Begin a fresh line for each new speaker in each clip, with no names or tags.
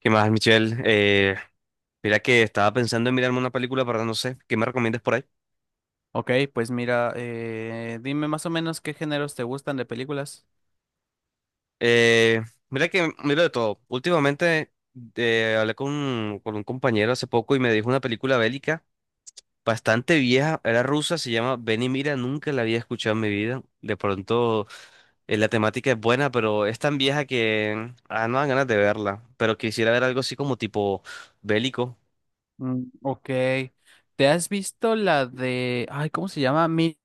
¿Qué más, Michelle? Mira que estaba pensando en mirarme una película, pero no sé, ¿qué me recomiendas por ahí?
Ok, pues mira, dime más o menos qué géneros te gustan de películas.
Eh, mira que miro de todo. Últimamente hablé con un compañero hace poco y me dijo una película bélica bastante vieja, era rusa, se llama Ven y mira, nunca la había escuchado en mi vida. De pronto la temática es buena, pero es tan vieja que no dan ganas de verla, pero quisiera ver algo así como tipo bélico.
Mm, ok, ¿te has visto la de... Ay, ¿cómo se llama? Mil...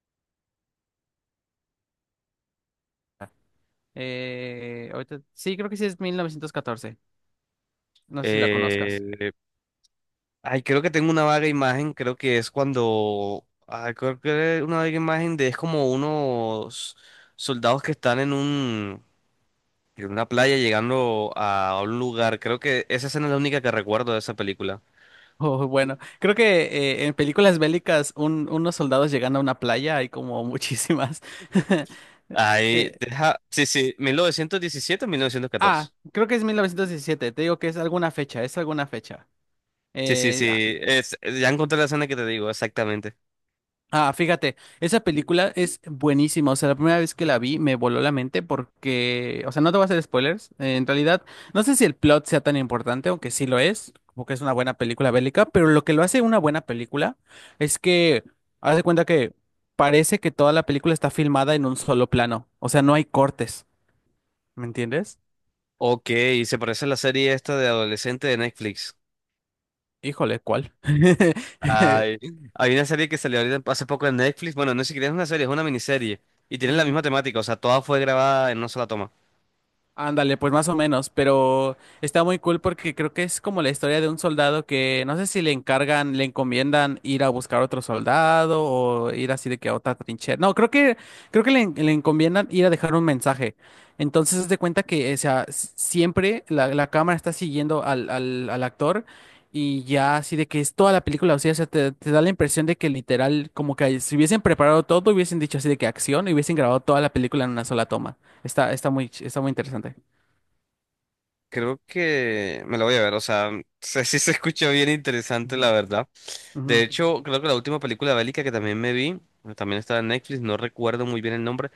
eh, ahorita- Sí, creo que sí es 1914. No sé si la conozcas.
Eh, Ay, creo que tengo una vaga imagen, creo que es cuando, ay, creo que es una vaga imagen de es como unos soldados que están en en una playa llegando a un lugar. Creo que esa escena es la única que recuerdo de esa película.
Oh, bueno, creo que en películas bélicas unos soldados llegando a una playa hay como muchísimas.
Ay,
Eh,
deja, sí, sí, mil novecientos diecisiete, 1914.
Creo que es 1917. Te digo que es alguna fecha, es alguna fecha.
Sí, sí,
Eh,
sí, ya encontré la escena que te digo, exactamente.
Fíjate, esa película es buenísima. O sea, la primera vez que la vi me voló la mente porque, o sea, no te voy a hacer spoilers. En realidad, no sé si el plot sea tan importante, aunque sí lo es, porque es una buena película bélica, pero lo que lo hace una buena película es que, haz de cuenta que parece que toda la película está filmada en un solo plano. O sea, no hay cortes, ¿me entiendes?
Ok, se parece a la serie esta de adolescente de Netflix.
Híjole, ¿cuál?
Ay, hay una serie que salió ahorita hace poco en Netflix. Bueno, no es siquiera es una serie, es una miniserie. Y tienen la
Ujú.
misma temática, o sea, toda fue grabada en una sola toma.
Ándale, pues más o menos, pero está muy cool porque creo que es como la historia de un soldado que no sé si le encargan, le encomiendan ir a buscar otro soldado o ir así de que a otra trinchera. No, creo que le encomiendan ir a dejar un mensaje. Entonces, haz de cuenta que, o sea, siempre la cámara está siguiendo al actor y ya así de que es toda la película, o sea, te da la impresión de que literal como que si hubiesen preparado todo, hubiesen dicho así de que acción y hubiesen grabado toda la película en una sola toma. Está muy interesante.
Creo que me la voy a ver, o sea, sé si se escucha bien interesante,
Ujú,
la verdad.
ujú,
De hecho, creo que la última película bélica que también me vi, también estaba en Netflix, no recuerdo muy bien el nombre,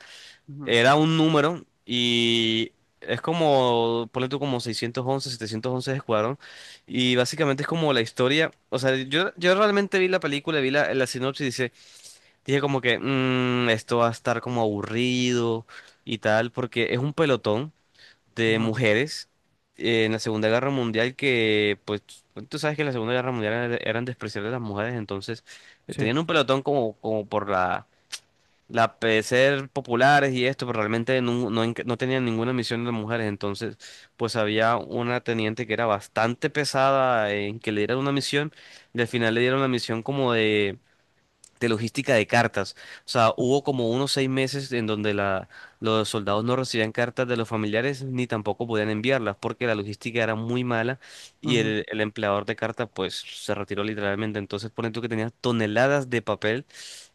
ujú,
era un número y es como, ponle tú como 611, 711 de Escuadrón. Y básicamente es como la historia, o sea, yo realmente vi la película, vi la sinopsis. Dije como que "Mm, esto va a estar como aburrido y tal", porque es un pelotón de
ujú,
mujeres en la Segunda Guerra Mundial que, pues, tú sabes que en la Segunda Guerra Mundial eran despreciables las mujeres, entonces
sí.
tenían un pelotón como, como por la ser populares y esto, pero realmente no, no, no tenían ninguna misión de mujeres, entonces, pues había una teniente que era bastante pesada en que le dieran una misión y al final le dieron una misión como de logística de cartas. O sea, hubo como unos 6 meses en donde los soldados no recibían cartas de los familiares ni tampoco podían enviarlas porque la logística era muy mala y el empleador de cartas pues se retiró literalmente. Entonces, ponen tú que tenías toneladas de papel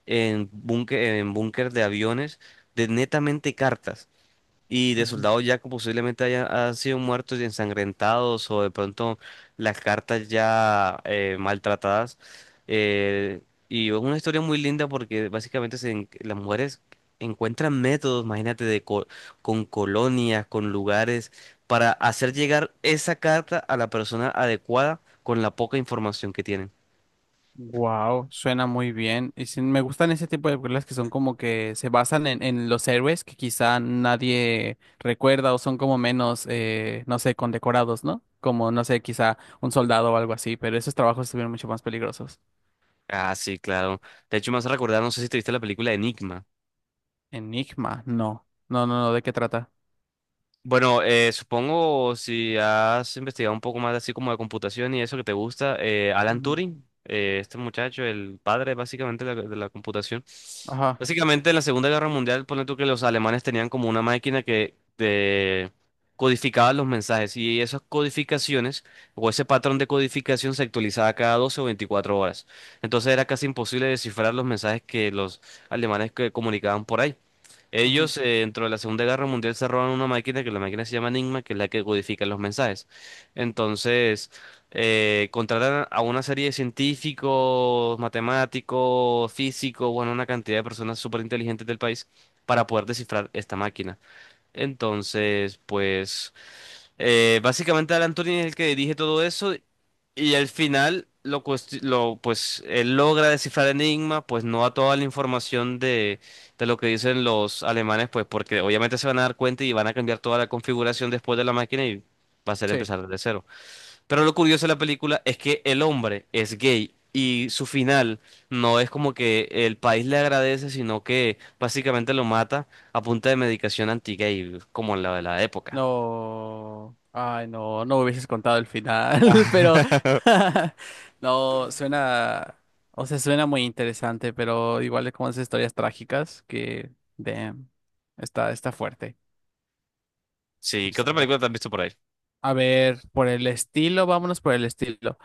en búnker de aviones de netamente cartas. Y de soldados ya que posiblemente han sido muertos y ensangrentados o de pronto las cartas ya maltratadas. Eh, y es una historia muy linda porque básicamente las mujeres encuentran métodos, imagínate, con colonias, con lugares, para hacer llegar esa carta a la persona adecuada con la poca información que tienen.
Wow, suena muy bien. Y sí, me gustan ese tipo de películas que son como que se basan en los héroes que quizá nadie recuerda o son como menos, no sé, condecorados, ¿no? Como, no sé, quizá un soldado o algo así, pero esos trabajos estuvieron mucho más peligrosos.
Ah, sí, claro. De hecho, me hace recordar, no sé si te viste la película Enigma.
Enigma, no. No, no, no, ¿de qué trata?
Bueno, supongo si has investigado un poco más así como de computación y eso que te gusta, Alan
Ujú,
Turing, este muchacho, el padre básicamente de de la computación.
ajá.
Básicamente en la Segunda Guerra Mundial, ponle tú que los alemanes tenían como una máquina que te codificaba los mensajes y esas codificaciones o ese patrón de codificación se actualizaba cada 12 o 24 horas. Entonces era casi imposible descifrar los mensajes que los alemanes que comunicaban por ahí.
Ujú,
Ellos, dentro de la Segunda Guerra Mundial, se roban una máquina que la máquina se llama Enigma, que es la que codifica los mensajes. Entonces, contratan a una serie de científicos, matemáticos, físicos, bueno, una cantidad de personas súper inteligentes del país para poder descifrar esta máquina. Entonces, pues. Básicamente Alan Turing es el que dirige todo eso y al final lo pues él logra descifrar el enigma, pues no a toda la información de lo que dicen los alemanes, pues porque obviamente se van a dar cuenta y van a cambiar toda la configuración después de la máquina y va a ser
sí.
empezar desde cero. Pero lo curioso de la película es que el hombre es gay y su final no es como que el país le agradece, sino que básicamente lo mata a punta de medicación anti-gay, como la de la época.
No, ay, no, no me hubieses contado el final, pero no, suena, o sea, suena muy interesante, pero igual es como esas historias trágicas que, damn, está fuerte.
Sí, ¿qué otra
Está-
película te has visto por ahí?
A ver, por el estilo, vámonos por el estilo.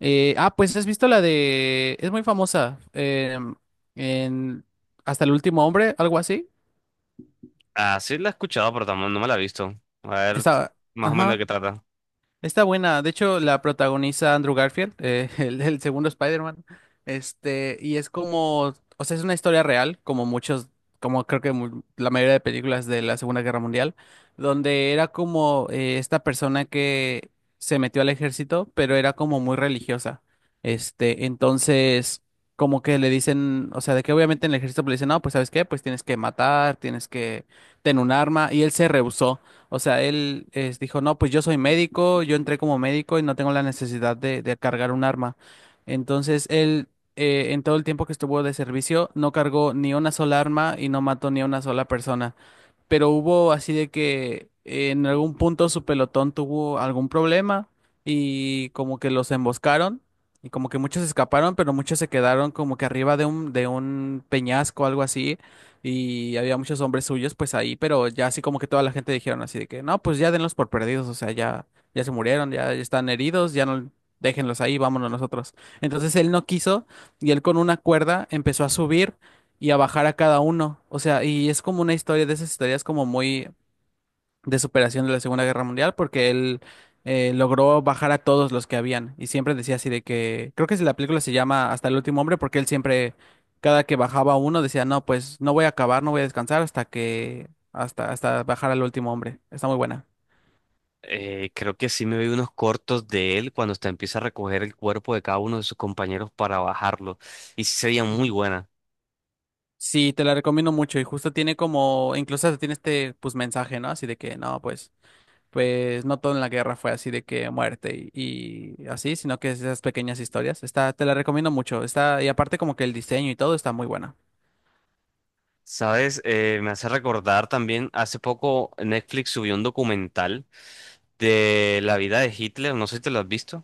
Pues has visto la de, es muy famosa, em, en Hasta el último hombre, algo así.
Ah, sí la he escuchado, pero tampoco no me la he visto. A ver,
Está,
más o menos de
ajá.
qué trata.
Está buena, de hecho la protagoniza Andrew Garfield, el segundo Spider-Man, este, y es como, o sea, es una historia real, como muchos, como creo que la mayoría de películas de la Segunda Guerra Mundial, donde era como esta persona que se metió al ejército, pero era como muy religiosa, este, entonces, como que le dicen, o sea, de que obviamente en el ejército le dicen, no, pues ¿sabes qué? Pues tienes que matar, tienes que tener un arma, y él se rehusó. O sea, dijo, no, pues yo soy médico, yo entré como médico y no tengo la necesidad de cargar un arma. Entonces, él, en todo el tiempo que estuvo de servicio, no cargó ni una sola arma y no mató ni a una sola persona, pero hubo así de que en algún punto su pelotón tuvo algún problema y como que los emboscaron y como que muchos escaparon, pero muchos se quedaron como que arriba de de un peñasco o algo así y había muchos hombres suyos pues ahí, pero ya así como que toda la gente dijeron así de que no, pues ya denlos por perdidos, o sea, ya, ya se murieron, ya están heridos, ya no... Déjenlos ahí, vámonos nosotros. Entonces él no quiso y él con una cuerda empezó a subir y a bajar a cada uno. O sea, y es como una historia de esas historias como muy de superación de la Segunda Guerra Mundial, porque él logró bajar a todos los que habían. Y siempre decía así de que, creo que si la película se llama Hasta el último hombre, porque él siempre, cada que bajaba uno, decía, no, pues no voy a acabar, no voy a descansar hasta que, hasta, hasta bajar al último hombre. Está muy buena.
Creo que sí me vi unos cortos de él cuando hasta empieza a recoger el cuerpo de cada uno de sus compañeros para bajarlo. Y sí sería muy
Ujú.
buena.
Sí, te la recomiendo mucho y justo tiene como, incluso hasta tiene este pues mensaje, ¿no? Así de que no, pues pues no todo en la guerra fue así de que muerte y así, sino que esas pequeñas historias. Está, te la recomiendo mucho. Está, y aparte como que el diseño y todo está muy buena.
¿Sabes? Me hace recordar también, hace poco Netflix subió un documental de la vida de Hitler, no sé si te lo has visto.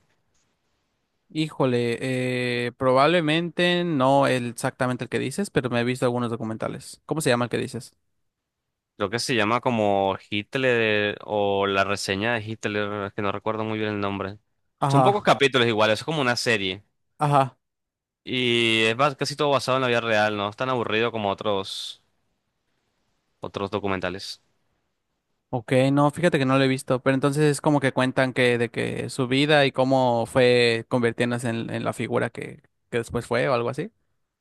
Híjole, probablemente no exactamente el que dices, pero me he visto algunos documentales. ¿Cómo se llama el que dices?
Creo que se llama como Hitler o la reseña de Hitler, es que no recuerdo muy bien el nombre. Son pocos
Ajá,
capítulos igual, es como una serie.
ajá.
Y casi todo basado en la vida real, ¿no? Es tan aburrido como otros documentales.
Ok, no, fíjate que no lo he visto, pero entonces es como que cuentan que de que su vida y cómo fue convirtiéndose en la figura que después fue o algo así.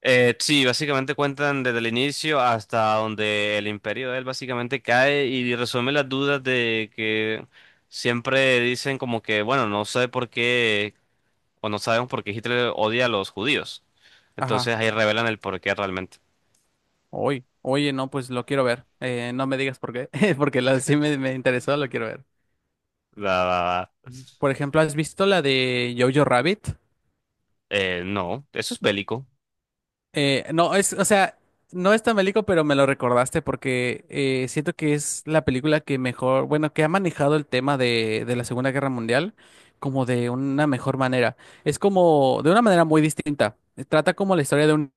Sí, básicamente cuentan desde el inicio hasta donde el imperio de él básicamente cae y resuelve las dudas de que siempre dicen como que, bueno, no sé por qué, o no sabemos por qué Hitler odia a los judíos.
Ajá.
Entonces ahí revelan el por qué realmente.
Oye, oye, no, pues lo quiero ver. No me digas por qué, porque la sí me interesó, lo quiero ver.
La,
Por ejemplo, ¿has visto la de Jojo Rabbit?
no, eso es bélico.
No, es, o sea, no es tan bélico, pero me lo recordaste porque siento que es la película que mejor, bueno, que ha manejado el tema de la Segunda Guerra Mundial como de una mejor manera. Es como, de una manera muy distinta. Trata como la historia de una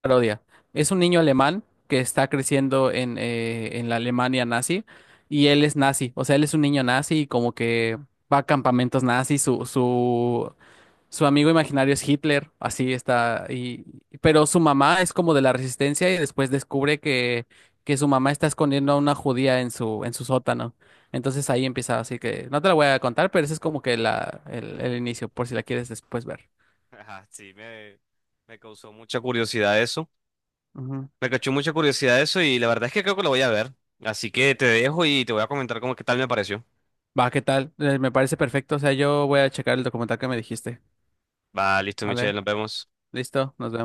parodia. Es un niño alemán que está creciendo en la Alemania nazi y él es nazi, o sea, él es un niño nazi y como que va a campamentos nazis, Su amigo imaginario es Hitler, así está. Y, pero su mamá es como de la resistencia y después descubre que su mamá está escondiendo a una judía en en su sótano. Entonces ahí empieza, así que no te la voy a contar, pero ese es como que el inicio, por si la quieres después ver.
Ajá, sí, me causó mucha curiosidad eso.
Ujú.
Me cachó mucha curiosidad eso y la verdad es que creo que lo voy a ver. Así que te dejo y te voy a comentar cómo qué tal me pareció.
Va, ¿qué tal? Me parece perfecto. O sea, yo voy a checar el documental que me dijiste.
Va, listo, Michelle,
¿Vale?
nos vemos.
Listo, nos vemos.